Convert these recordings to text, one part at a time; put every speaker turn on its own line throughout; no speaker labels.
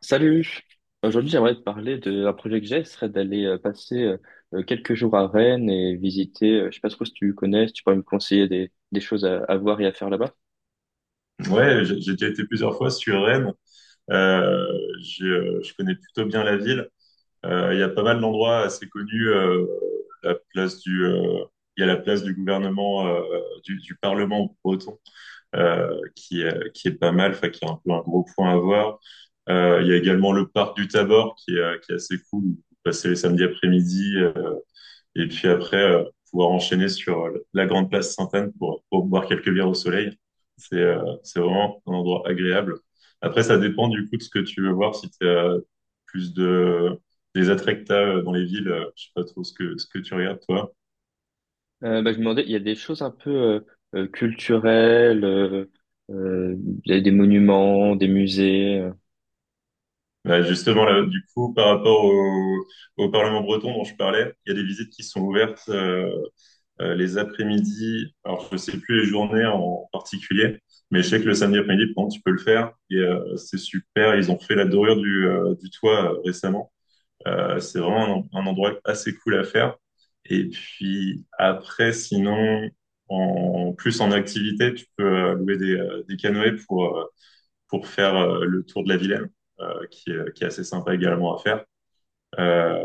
Salut! Aujourd'hui, j'aimerais te parler d'un projet que j'ai, ce serait d'aller passer quelques jours à Rennes et visiter, je sais pas trop si tu connais, si tu pourrais me conseiller des choses à voir et à faire là-bas.
Ouais, j'ai déjà été plusieurs fois sur Rennes. J'ai, je connais plutôt bien la ville. Il y a pas mal d'endroits assez connus. La place il y a la place du gouvernement, du Parlement breton, qui est pas mal, enfin, qui est un peu un gros point à voir. Il y a également le parc du Tabor, qui est assez cool. Vous passez les samedis après-midi. Et puis après, pouvoir enchaîner sur la grande place Sainte-Anne pour boire quelques bières au soleil. C'est vraiment un endroit agréable. Après, ça dépend du coup de ce que tu veux voir. Si tu as plus de des attraits que t'as, dans les villes, je sais pas trop ce ce que tu regardes, toi.
Bah, je me demandais, il y a des choses un peu culturelles, euh, il y a des monuments, des musées.
Bah, justement, là, du coup, par rapport au Parlement breton dont je parlais, il y a des visites qui sont ouvertes. Les après-midi. Alors, je ne sais plus les journées en particulier, mais je sais que le samedi après-midi, par exemple, tu peux le faire. Et c'est super. Ils ont fait la dorure du toit récemment. C'est vraiment un endroit assez cool à faire. Et puis après, sinon, en plus en activité, tu peux louer des canoës pour faire le tour de la Vilaine, qui est assez sympa également à faire. Euh,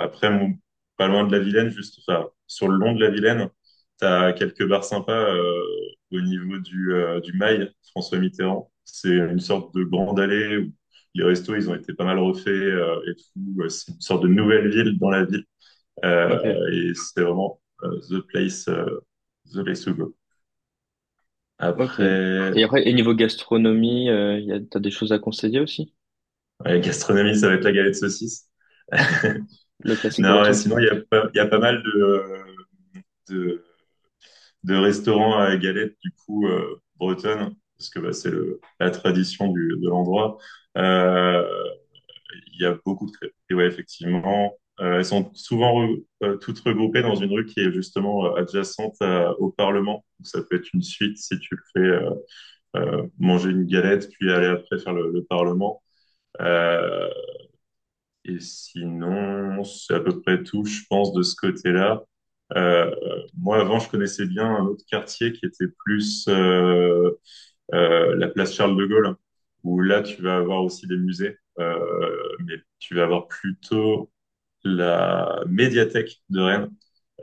après, mon- Pas loin de la Vilaine, juste, enfin, sur le long de la Vilaine, t'as quelques bars sympas au niveau du Mail, François Mitterrand. C'est une sorte de grande allée où les restos, ils ont été pas mal refaits et tout. C'est une sorte de nouvelle ville dans la ville.
Ok,
Et c'est vraiment the place, the place to go.
ok.
Après,
Et, après, et niveau gastronomie, il y a, t'as des choses à conseiller aussi?
la gastronomie, ça va être la galette saucisse.
Le classique
Non, et
breton?
sinon, il y a pas mal de, de restaurant à galette, du coup, bretonne, parce que bah, c'est la tradition de l'endroit. Euh, Il y a beaucoup de crêpes. Et ouais, effectivement, elles sont souvent toutes regroupées dans une rue qui est justement adjacente au Parlement. Donc, ça peut être une suite si tu le fais, manger une galette, puis aller après faire le Parlement. Euh, et sinon, c'est à peu près tout, je pense, de ce côté-là. Euh, Moi, avant, je connaissais bien un autre quartier qui était plus, la place Charles de Gaulle, où là, tu vas avoir aussi des musées, mais tu vas avoir plutôt la médiathèque de Rennes,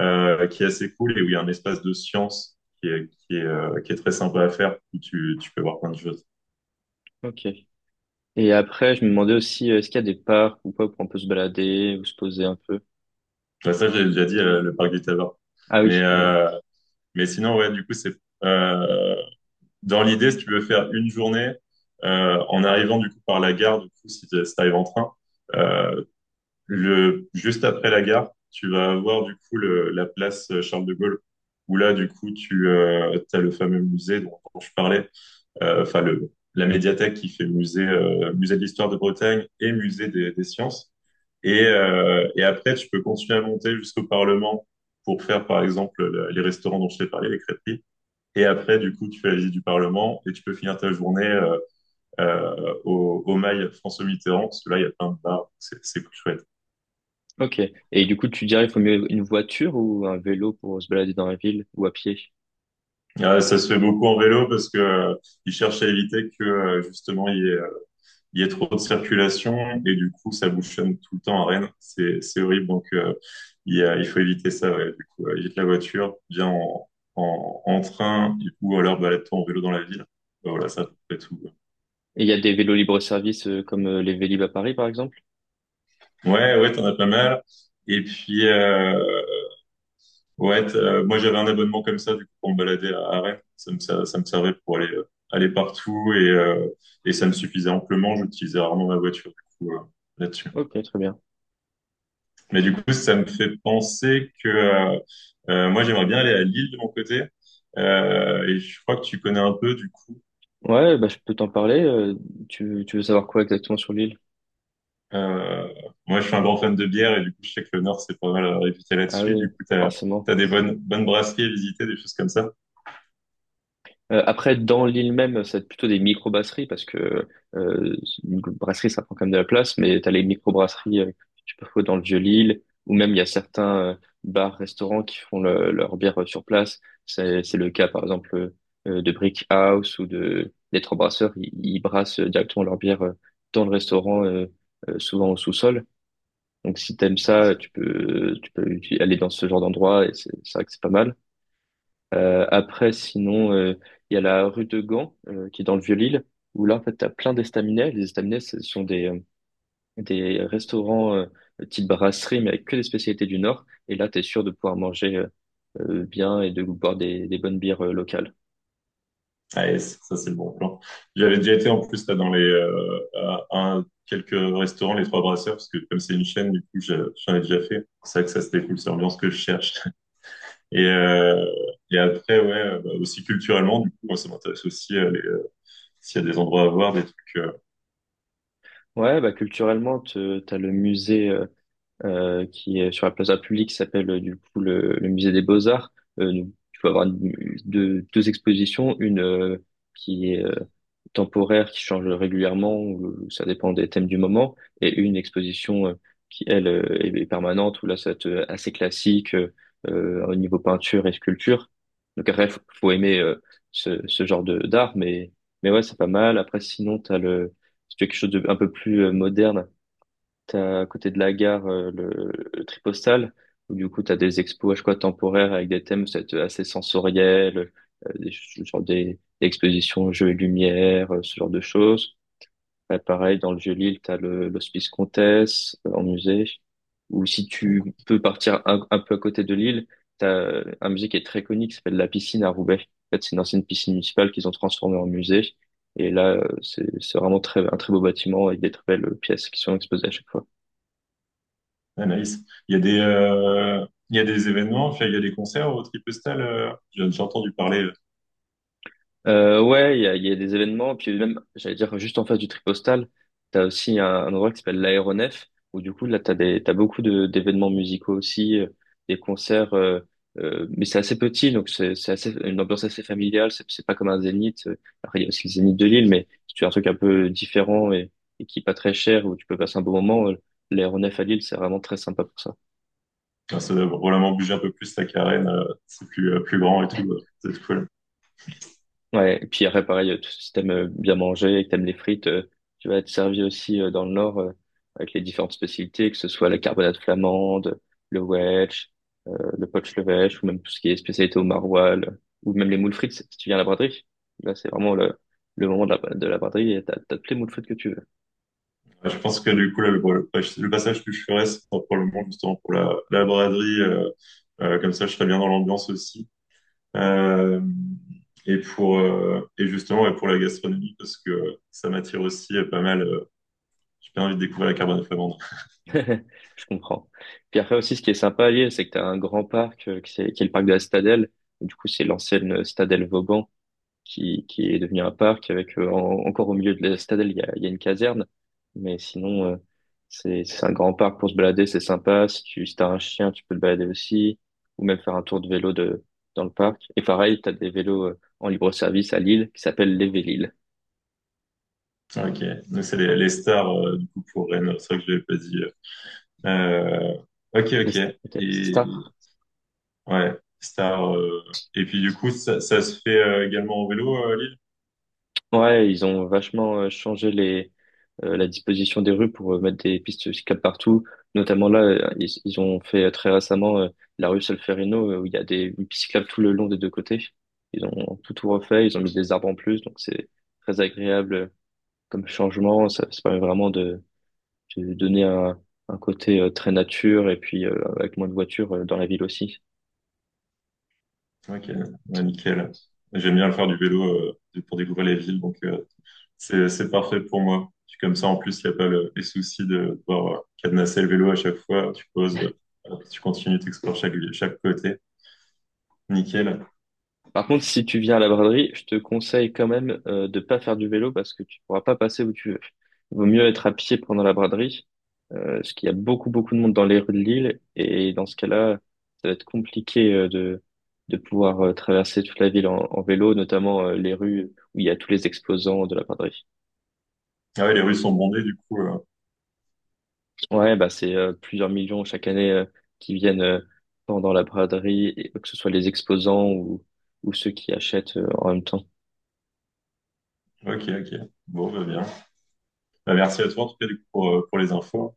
qui est assez cool et où il y a un espace de science qui est très sympa à faire, où tu peux voir plein de choses.
Ok. Et après, je me demandais aussi, est-ce qu'il y a des parcs ou pas où on peut se balader ou se poser un peu?
Bah, ça, j'ai déjà dit, le parc des Tabards.
Ah
Mais,
oui.
euh, Mais sinon, ouais, du coup, c'est euh, dans l'idée, si tu veux faire une journée en arrivant du coup par la gare, du coup, si tu arrives en train, euh, juste après la gare, tu vas avoir du coup la place Charles de Gaulle, où là, du coup, tu as le fameux musée dont je parlais, enfin la médiathèque qui fait musée, musée de l'histoire de Bretagne et musée des sciences. Et après, tu peux continuer à monter jusqu'au Parlement pour faire, par exemple, les restaurants dont je t'ai parlé, les crêperies. Et après, du coup, tu fais la visite du Parlement et tu peux finir ta journée au mail François Mitterrand, parce que là, il y a plein de bars, c'est plus chouette.
Ok. Et du coup, tu dirais qu'il faut mieux une voiture ou un vélo pour se balader dans la ville ou à pied?
Ça se fait beaucoup en vélo parce que ils cherchent à éviter que justement il y ait trop de circulation et du coup ça bouchonne tout le temps à Rennes. C'est horrible, donc il faut éviter ça. Ouais. Du coup, évite la voiture, viens en train ou alors balade-toi en vélo dans la ville. Voilà, ça à peu près tout.
Et il y a des vélos libre-service comme les Vélib à Paris, par exemple?
Ouais, ouais, ouais, t'en as pas mal. Et puis, ouais, moi j'avais un abonnement comme ça du coup pour me balader à Rennes. Ça me servait pour aller aller partout et ça me suffisait amplement. J'utilisais rarement ma voiture du coup là-dessus.
Ok, très bien.
Mais du coup ça me fait penser que moi j'aimerais bien aller à Lille de mon côté. Et je crois que tu connais un peu du coup.
Ouais, bah, je peux t'en parler. Euh, tu veux savoir quoi exactement sur l'île?
Euh, Moi je suis un grand fan de bière et du coup je sais que le Nord c'est pas mal réputé
Ah
là-dessus. Du
oui,
coup
forcément.
t'as des bonnes brasseries à visiter, des choses comme ça.
Après, dans l'île même, c'est plutôt des micro-brasseries parce que euh, une brasserie, ça prend quand même de la place, mais tu as les micro-brasseries que tu peux trouver dans le Vieux-Lille, ou même il y a certains bars, restaurants qui font leur bière sur place. C'est le cas, par exemple, de Brick House ou de des Trois Brasseurs. Ils brassent directement leur bière dans le restaurant, souvent au sous-sol. Donc si t'aimes ça, tu peux aller dans ce genre d'endroit et c'est vrai que c'est pas mal. Après, sinon, il y a la rue de Gand, qui est dans le Vieux-Lille, où là, en fait, tu as plein d'estaminets. Les estaminets, ce sont des restaurants type brasserie, mais avec que des spécialités du Nord. Et là, tu es sûr de pouvoir manger bien et de boire des bonnes bières locales.
Ah, yes, ça, c'est le bon plan. J'avais déjà été en plus là dans les quelques restaurants, les Trois Brasseurs, parce que comme c'est une chaîne, du coup, j'en ai déjà fait. C'est vrai que ça c'était cool, c'est l'ambiance que je cherche. Et euh, et après, ouais, bah, aussi culturellement, du coup, moi ça m'intéresse aussi s'il y a des endroits à voir, des trucs.
Ouais, bah, culturellement, t'as le musée qui est sur la plaza publique, qui s'appelle du coup le musée des Beaux-Arts. Tu peux avoir deux, deux expositions, une qui est temporaire qui change régulièrement, ou ça dépend des thèmes du moment, et une exposition qui, elle, est est permanente, où là, ça va être assez classique au niveau peinture et sculpture. Donc après, faut, faut aimer ce, ce genre de d'art, mais ouais, c'est pas mal. Après, sinon, t'as le si tu veux quelque chose de un peu plus moderne. T'as à côté de la gare le Tripostal, où du coup t'as des expos je chaque fois temporaires avec des thèmes c'est assez sensoriels, genre des expositions jeux et lumière, ce genre de choses. Pareil, dans le Vieux-Lille, t'as le, l'Hospice Comtesse en musée, ou si
Avec-
tu peux partir un peu à côté de Lille, t'as un musée qui est très connu qui s'appelle La Piscine à Roubaix. En fait, c'est une ancienne piscine municipale qu'ils ont transformée en musée. Et là, c'est vraiment très, un très beau bâtiment avec des très belles pièces qui sont exposées à chaque fois.
ah, nice. Il y a des il y a des événements, enfin, il y a des concerts au Tripestal. J'ai entendu parler.
Ouais, il y a des événements, puis même, j'allais dire, juste en face du Tripostal, t'as aussi un endroit qui s'appelle l'Aéronef, où du coup, là, t'as des, t'as beaucoup de, d'événements musicaux aussi, des concerts, mais c'est assez petit, donc c'est assez, une ambiance assez familiale, c'est pas comme un Zénith, après, il y a aussi le Zénith de Lille, mais si tu veux un truc un peu différent et qui est pas très cher, où tu peux passer un bon moment, l'Aéronef à Lille, c'est vraiment très sympa pour ça.
Enfin, ça doit vraiment bouger un peu plus la carène, c'est plus grand et tout. C'est cool.
Ouais, et puis après, pareil, si t'aimes bien manger et que t'aimes les frites, tu vas être servi aussi dans le Nord avec les différentes spécialités, que ce soit la carbonade flamande, le wedge, le poach levèche, ou même tout ce qui est spécialité au maroilles, ou même les moules frites, si tu viens à la braderie. Là, c'est vraiment le moment de la braderie et t'as, t'as toutes les moules frites que tu veux.
Ouais, je pense que du coup, là, le passage que je ferais, c'est probablement justement pour la braderie. Comme ça, je serais bien dans l'ambiance aussi. Euh, et justement, ouais, pour la gastronomie, parce que ça m'attire aussi pas mal. J'ai bien envie de découvrir la carbone flamande.
Je comprends. Puis après aussi, ce qui est sympa à Lille, c'est que t'as un grand parc qui, qui est le parc de la Stadelle. Du coup, c'est l'ancienne Stadelle Vauban, qui est devenu un parc avec encore au milieu de la citadelle, il y a une caserne. Mais sinon, c'est un grand parc pour se balader, c'est sympa. Si tu si t'as un chien, tu peux te balader aussi, ou même faire un tour de vélo dans le parc. Et pareil, t'as des vélos en libre-service à Lille qui s'appellent les Vélil.
Ok. Donc c'est les stars du coup pour Rennes. C'est vrai que je l'avais pas dit. Euh, ok, ok.
Ok. Star.
Et ouais, stars. Et puis du coup, ça se fait également en vélo, Lille.
Ouais, ils ont vachement changé les la disposition des rues pour mettre des pistes cyclables partout. Notamment là, ils ont fait très récemment la rue Solferino où il y a des une piste cyclable tout le long des deux côtés. Ils ont tout, tout refait, ils ont mis des arbres en plus, donc c'est très agréable comme changement. Ça permet vraiment de donner un côté très nature et puis avec moins de voitures dans la ville aussi.
Ok, ouais, nickel. J'aime bien faire du vélo pour découvrir les villes, donc c'est parfait pour moi. Puis comme ça, en plus, il n'y a pas les soucis de devoir cadenasser le vélo à chaque fois. Tu poses, hop, tu continues, tu explores chaque côté. Nickel.
Par contre, si tu viens à la braderie, je te conseille quand même de pas faire du vélo parce que tu pourras pas passer où tu veux. Il vaut mieux être à pied pendant la braderie parce qu'il y a beaucoup, beaucoup de monde dans les rues de Lille. Et dans ce cas-là, ça va être compliqué de pouvoir traverser toute la ville en, en vélo, notamment les rues où il y a tous les exposants de la braderie.
Ah ouais, les rues sont bondées, du coup.
Ouais, bah c'est plusieurs millions chaque année qui viennent pendant la braderie, et que ce soit les exposants ou ceux qui achètent en même temps.
Ok, ok. Bon, bah bien. Bah, merci à toi, en tout cas, du coup, pour les infos.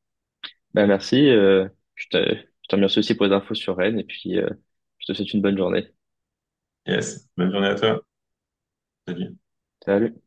Bah merci, je te remercie aussi pour les infos sur Rennes et puis je te souhaite une bonne journée.
Yes, bonne journée à toi. Salut.
Salut.